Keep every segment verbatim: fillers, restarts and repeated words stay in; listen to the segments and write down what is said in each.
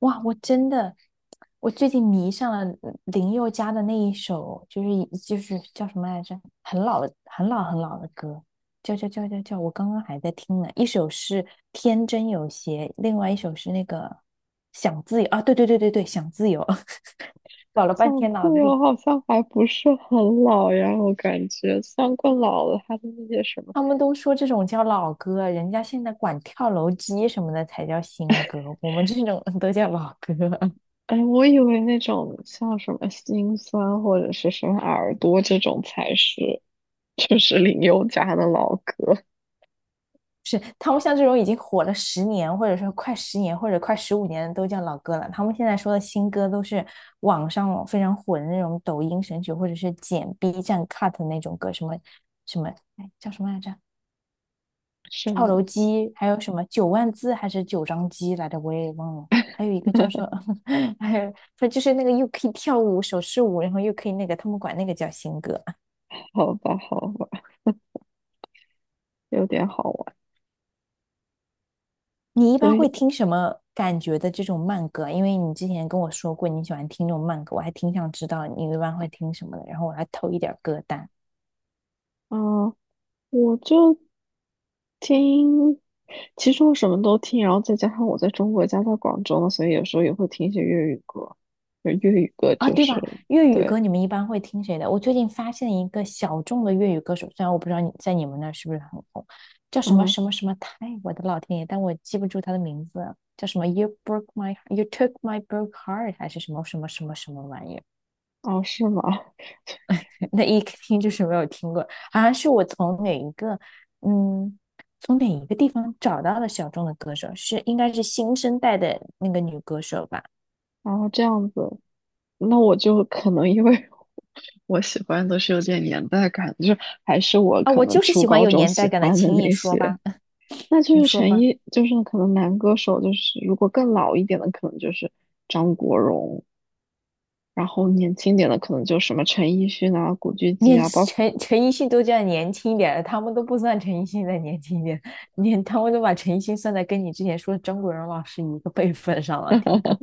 哇，我真的，我最近迷上了嗯林宥嘉的那一首，就是一就是叫什么来着？很老的很老很老的歌，叫叫叫叫叫，我刚刚还在听呢。一首是《天真有邪》，另外一首是那个《想自由》啊，对对对对对，《想自由》搞了半想天脑自子由里，好像还不是很老呀，我感觉像然老了，他的那些什么。他们都说这种叫老歌，人家现在管跳楼机什么的才叫新歌，我们这种 都叫老歌。哎，我以为那种像什么心酸或者是什么耳朵这种才是，就是林宥嘉的老歌，是他们像这种已经火了十年，或者说快十年，或者快十五年都叫老歌了。他们现在说的新歌都是网上非常火的那种抖音神曲，或者是剪 B 站 cut 的那种歌，什么什么，哎，叫什么来着？是跳吗？楼机，还有什么九万字还是九张机来着？我也忘了。还有一个叫做，还有，就是那个又可以跳舞手势舞，然后又可以那个，他们管那个叫新歌。好吧，好吧，有点好玩。你一所般会以，听什么感觉的这种慢歌啊？因为你之前跟我说过你喜欢听这种慢歌，我还挺想知道你一般会听什么的，然后我来偷一点歌单啊，我就听，其实我什么都听，然后再加上我在中国家在广州嘛，所以有时候也会听一些粤语歌，就粤语歌啊，就对是吧？粤语对。歌你们一般会听谁的？我最近发现一个小众的粤语歌手，虽然我不知道你在你们那儿是不是很红，叫什么嗯，什么什么泰，我的老天爷，但我记不住他的名字，叫什么 You broke my you took my broke heart 还是什么什么什么什么玩意儿？哦，是吗？那一听就是没有听过，好像是我从哪一个，嗯，从哪一个地方找到了小众的歌手，是应该是新生代的那个女歌手吧？然后这样子，那我就可能因为 我喜欢都是有点年代感，就是还是我啊，可我能就是初喜欢高有中年代喜感的，欢的轻易那说些，吧，那就你是说陈吧。奕，就是可能男歌手，就是如果更老一点的，可能就是张国荣，然后年轻点的可能就什么陈奕迅啊、古巨基连啊，包括陈陈奕迅都这样年轻一点了，他们都不算陈奕迅再年轻一点，连他们都把陈奕迅算在跟你之前说的张国荣老师一个辈分上了，听歌。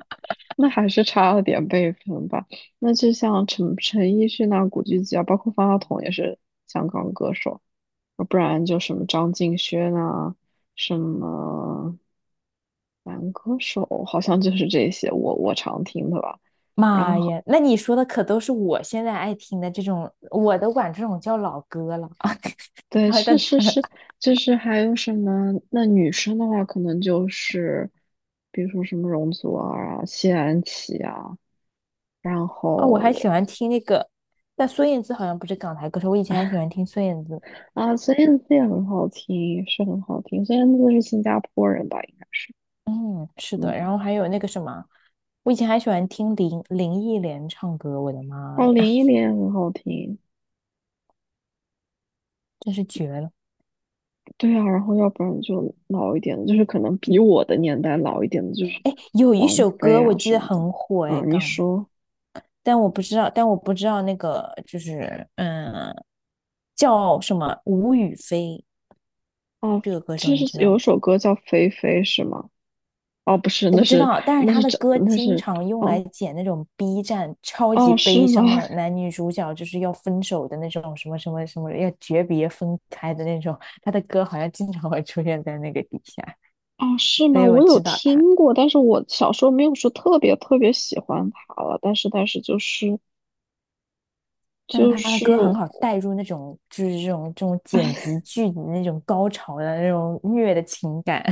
那还是差了点辈分吧。那就像陈陈奕迅啊、古巨基啊，包括方大同也是香港歌手。不然就什么张敬轩啊，什么男歌手，好像就是这些我我常听的吧。妈然后呀，那你说的可都是我现在爱听的这种，我都管这种叫老歌了啊。对，然后是但是是，就是还有什么？那女生的话，可能就是比如说什么容祖儿啊、谢安琪啊，然哦，我还喜后欢听那个，但孙燕姿好像不是港台歌手，我以前还喜欢听孙燕姿。啊孙燕姿也很好听，是很好听。孙燕姿是新加坡人吧？嗯，是嗯，的，然后还有那个什么，我以前还喜欢听林林忆莲唱歌，我的妈哦，呀，林忆莲也很好听。真是绝了！对啊，然后要不然就老一点的就是可能比我的年代老一点的，就是哎，有一王首菲歌我啊记什得么的。很火哎，嗯，你港，说但我不知道，但我不知道那个就是嗯，叫什么吴雨霏哦，这个歌手，就你知是道有一吗？首歌叫《菲菲》是吗？哦，不是，我那不知是道，但是那他是的这歌那经是常用来哦，剪那种 B 站超级哦悲是吗？伤的 男女主角就是要分手的那种什么什么什么要诀别分开的那种，他的歌好像经常会出现在那个底下，哦是所吗？以我我有知道他。听过，但是我小时候没有说特别特别喜欢她了，但是但是就是但是就他的是。歌很好带入那种就是这种这种剪辑剧的那种高潮的那种虐的情感。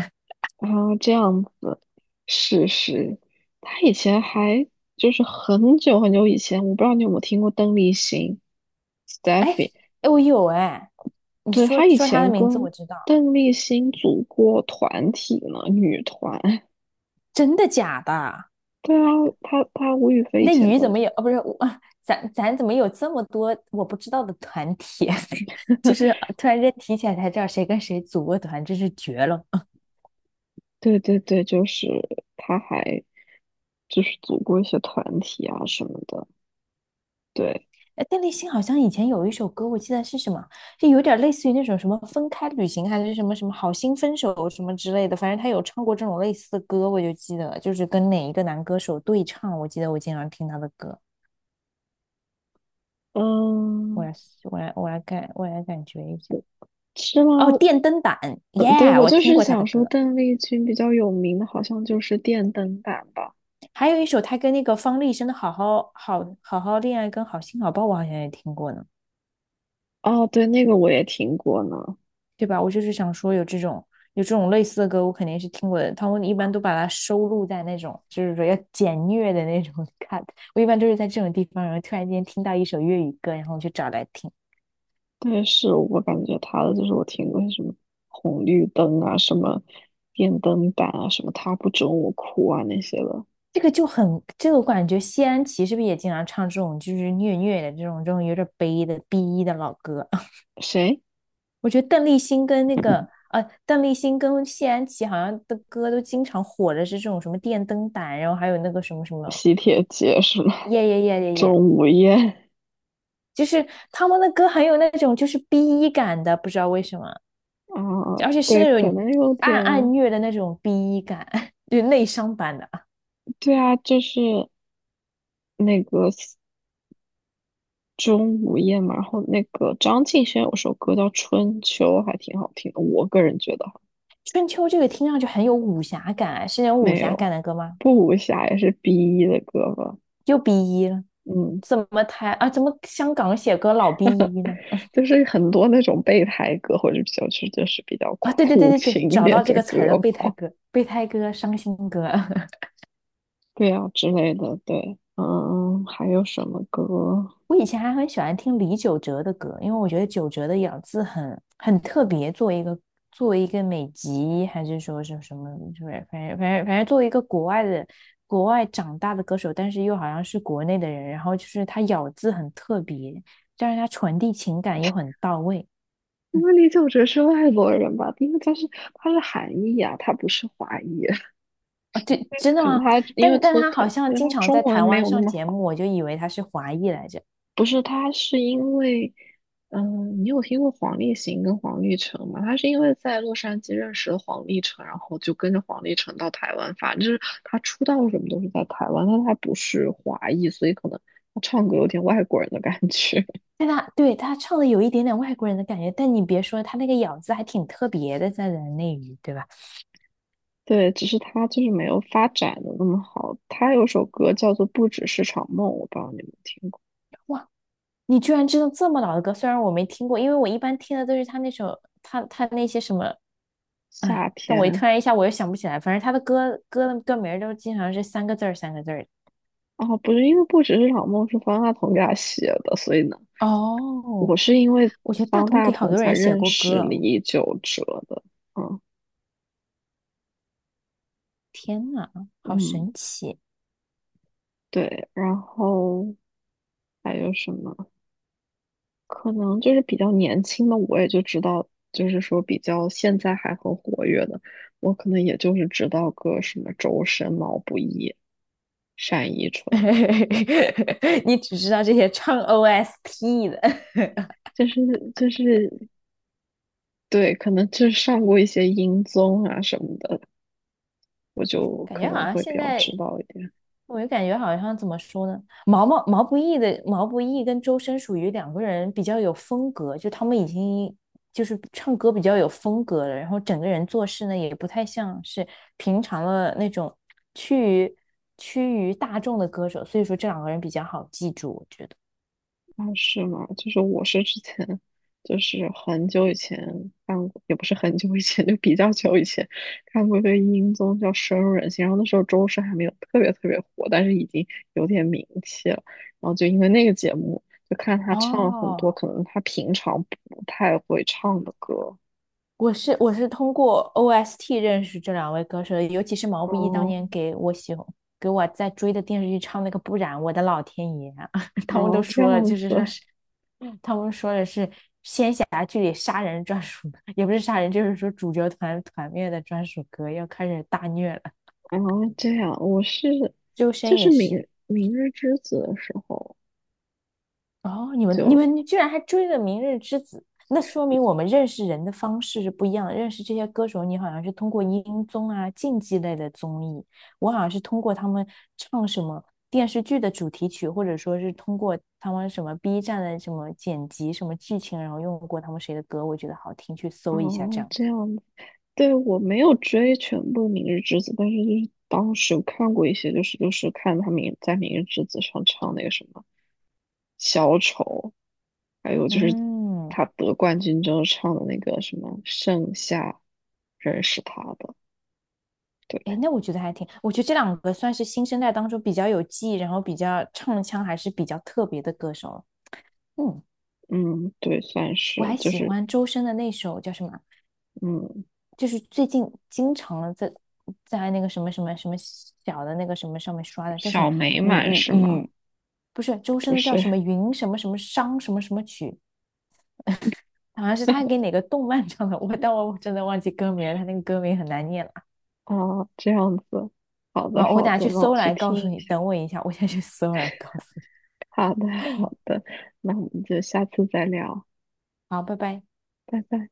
啊，这样子，是是，他以前还就是很久很久以前，我不知道你有没有听过邓丽欣哎，Steffi，哎，我有哎，你对，说他以说他的前名字跟我知道，邓丽欣组过团体呢，女团。真的假的？对啊，他他吴雨霏以那前鱼怎跟，么有？哦，不是，我啊咱咱怎么有这么多我不知道的团体？就是呃突然间提起来才知道谁跟谁组过团，真是绝了。对对对，就是他还就是组过一些团体啊什么的。对，哎，邓丽欣好像以前有一首歌，我记得是什么，就有点类似于那种什么分开旅行，还是什么什么好心分手什么之类的。反正她有唱过这种类似的歌，我就记得，就是跟哪一个男歌手对唱，我记得我经常听她的歌。我嗯，来，我来，我来感，我来感觉一下。是吗？哦，电灯胆，耶，嗯，对，yeah, 我我就听是过她的想说，歌。邓丽君比较有名的，好像就是《电灯胆》吧。还有一首他跟那个方力申的《好好好好好恋爱》跟《好心好报》，我好像也听过呢，哦，对，那个我也听过呢。对吧？我就是想说有这种有这种类似的歌，我肯定是听过的。他们一般都把它收录在那种就是说要简虐的那种 cut，我一般都是在这种地方，然后突然间听到一首粤语歌，然后我就找来听。但是我感觉她的，就是我听过什么红绿灯啊，什么电灯胆啊，什么他不准我哭啊那些的。这个就很，这个我感觉谢安琪是不是也经常唱这种就是虐虐的这种这种有点悲的 B 一的老歌？谁？我觉得邓丽欣跟那个呃，邓丽欣跟谢安琪好像的歌都经常火的是这种什么电灯胆，然后还有那个什么什么喜帖街是吗？耶耶耶 耶耶，钟无艳就是他们的歌很有那种就是 B 一感的，不知道为什么，啊，而且是对，那可种能有暗暗点，虐的那种 B 一感，就是内伤版的。对啊，就是那个钟无艳嘛，然后那个张敬轩有首歌叫《春秋》，还挺好听的，我个人觉得哈春秋这个听上去很有武侠感啊，是那种武没侠感有，的歌吗？不无暇也是 B.E 的歌吧，又 B 一了，嗯，怎么台啊？怎么香港写歌老逼一呢？就是很多那种备胎歌，或者比较是就是比较啊，对对对苦对对，情一找点到这的个词儿了，歌备胎吧，哥，备胎哥伤心哥。对啊之类的，对，嗯，还有什么歌？我以前还很喜欢听李玖哲的歌，因为我觉得玖哲的咬字很很特别，作为一个作为一个美籍，还是说是什么，就是反正反正反正作为一个国外的国外长大的歌手，但是又好像是国内的人，然后就是他咬字很特别，但是他传递情感又很到位。因嗯，为李玖哲是外国人吧，因为他是他是韩裔啊，他不是华裔，啊，对，真的可能吗？他因为但他但他他好像因为经他常中在文台没湾有那上么节好。目，我就以为他是华裔来着。不是，他是因为，嗯，你有听过黄立行跟黄立成吗？他是因为在洛杉矶认识了黄立成，然后就跟着黄立成到台湾发展，就是他出道什么都是在台湾，但他不是华裔，所以可能他唱歌有点外国人的感觉。但他对他唱的有一点点外国人的感觉，但你别说，他那个咬字还挺特别的，在人内娱，对吧？对，只是他就是没有发展的那么好。他有首歌叫做《不只是场梦》，我不知道你们听过，哇，你居然知道这么老的歌，虽然我没听过，因为我一般听的都是他那首他他那些什么，哎，夏但我一天。突然一下我又想不起来，反正他的歌歌的歌名儿都经常是三个字儿三个字儿的。哦，不是，因为《不只是场梦》是方大同给他写的，所以呢。我哦，是因为我觉得大方同大给好同多才人写认过歌识哦，李玖哲的，嗯，天呐，好嗯，神奇！对，然后还有什么？可能就是比较年轻的，我也就知道，就是说比较现在还很活跃的，我可能也就是知道个什么周深、毛不易、单依纯，你只知道这些唱 O S T 的，就是就是对，可能就是上过一些音综啊什么的，我就感可觉好能像会比现较知在道一点。我就感觉好像怎么说呢，毛毛毛不易的毛不易跟周深属于两个人比较有风格，就他们已经就是唱歌比较有风格了，然后整个人做事呢也不太像是平常的那种趋于趋于大众的歌手，所以说这两个人比较好记住，我觉得。啊，是吗？就是我是之前，就是很久以前看过，也不是很久以前，就比较久以前看过一个音综叫《深入人心》，然后那时候周深还没有特别特别火，但是已经有点名气了。然后就因为那个节目，就看他唱了很多哦，可能他平常不太会唱的歌。我是我是通过 O S T 认识这两位歌手，尤其是毛不易当哦，年给我喜欢给我在追的电视剧唱那个《不染，我的老天爷啊，他然们都后这样说了，就是子，说是他们说的是仙侠剧里杀人专属，也不是杀人，就是说主角团团灭的专属歌，要开始大虐了。然后这样，我是周就深也是明是，《明日之子》的时候哦，你们你就，们居然还追了《明日之子》，那说明我们认识人的方式是不一样的。认识这些歌手，你好像是通过音综啊、竞技类的综艺，我好像是通过他们唱什么电视剧的主题曲，或者说是通过他们什么 B 站的什么剪辑、什么剧情，然后用过他们谁的歌，我觉得好听，去搜一下这哦，样这子。样对，我没有追全部《明日之子》，但是就是当时有看过一些，就是就是看他明在《明日之子》上唱那个什么小丑，还有就是嗯，他得冠军之后唱的那个什么盛夏，认识他的。对，哎，那我觉得还挺，我觉得这两个算是新生代当中比较有记忆，然后比较唱腔还是比较特别的歌手了。嗯。嗯，对，算我是还就喜是欢周深的那首叫什么？嗯就是最近经常在在那个什么什么什么小的那个什么上面刷的，叫什么小美雨满雨是吗？雨，不是周深不的叫什么是云什么什么商什么什么曲，好像是他给哪个动漫唱的，我但我真的忘记歌名了，他那个歌名很难念了啊，这样子。好的，啊！我好等下的，去那我搜去来告听诉一你，下。等我一下，我先去搜来告诉你。好的，好的，那我们就下次再聊，好，拜拜。拜拜。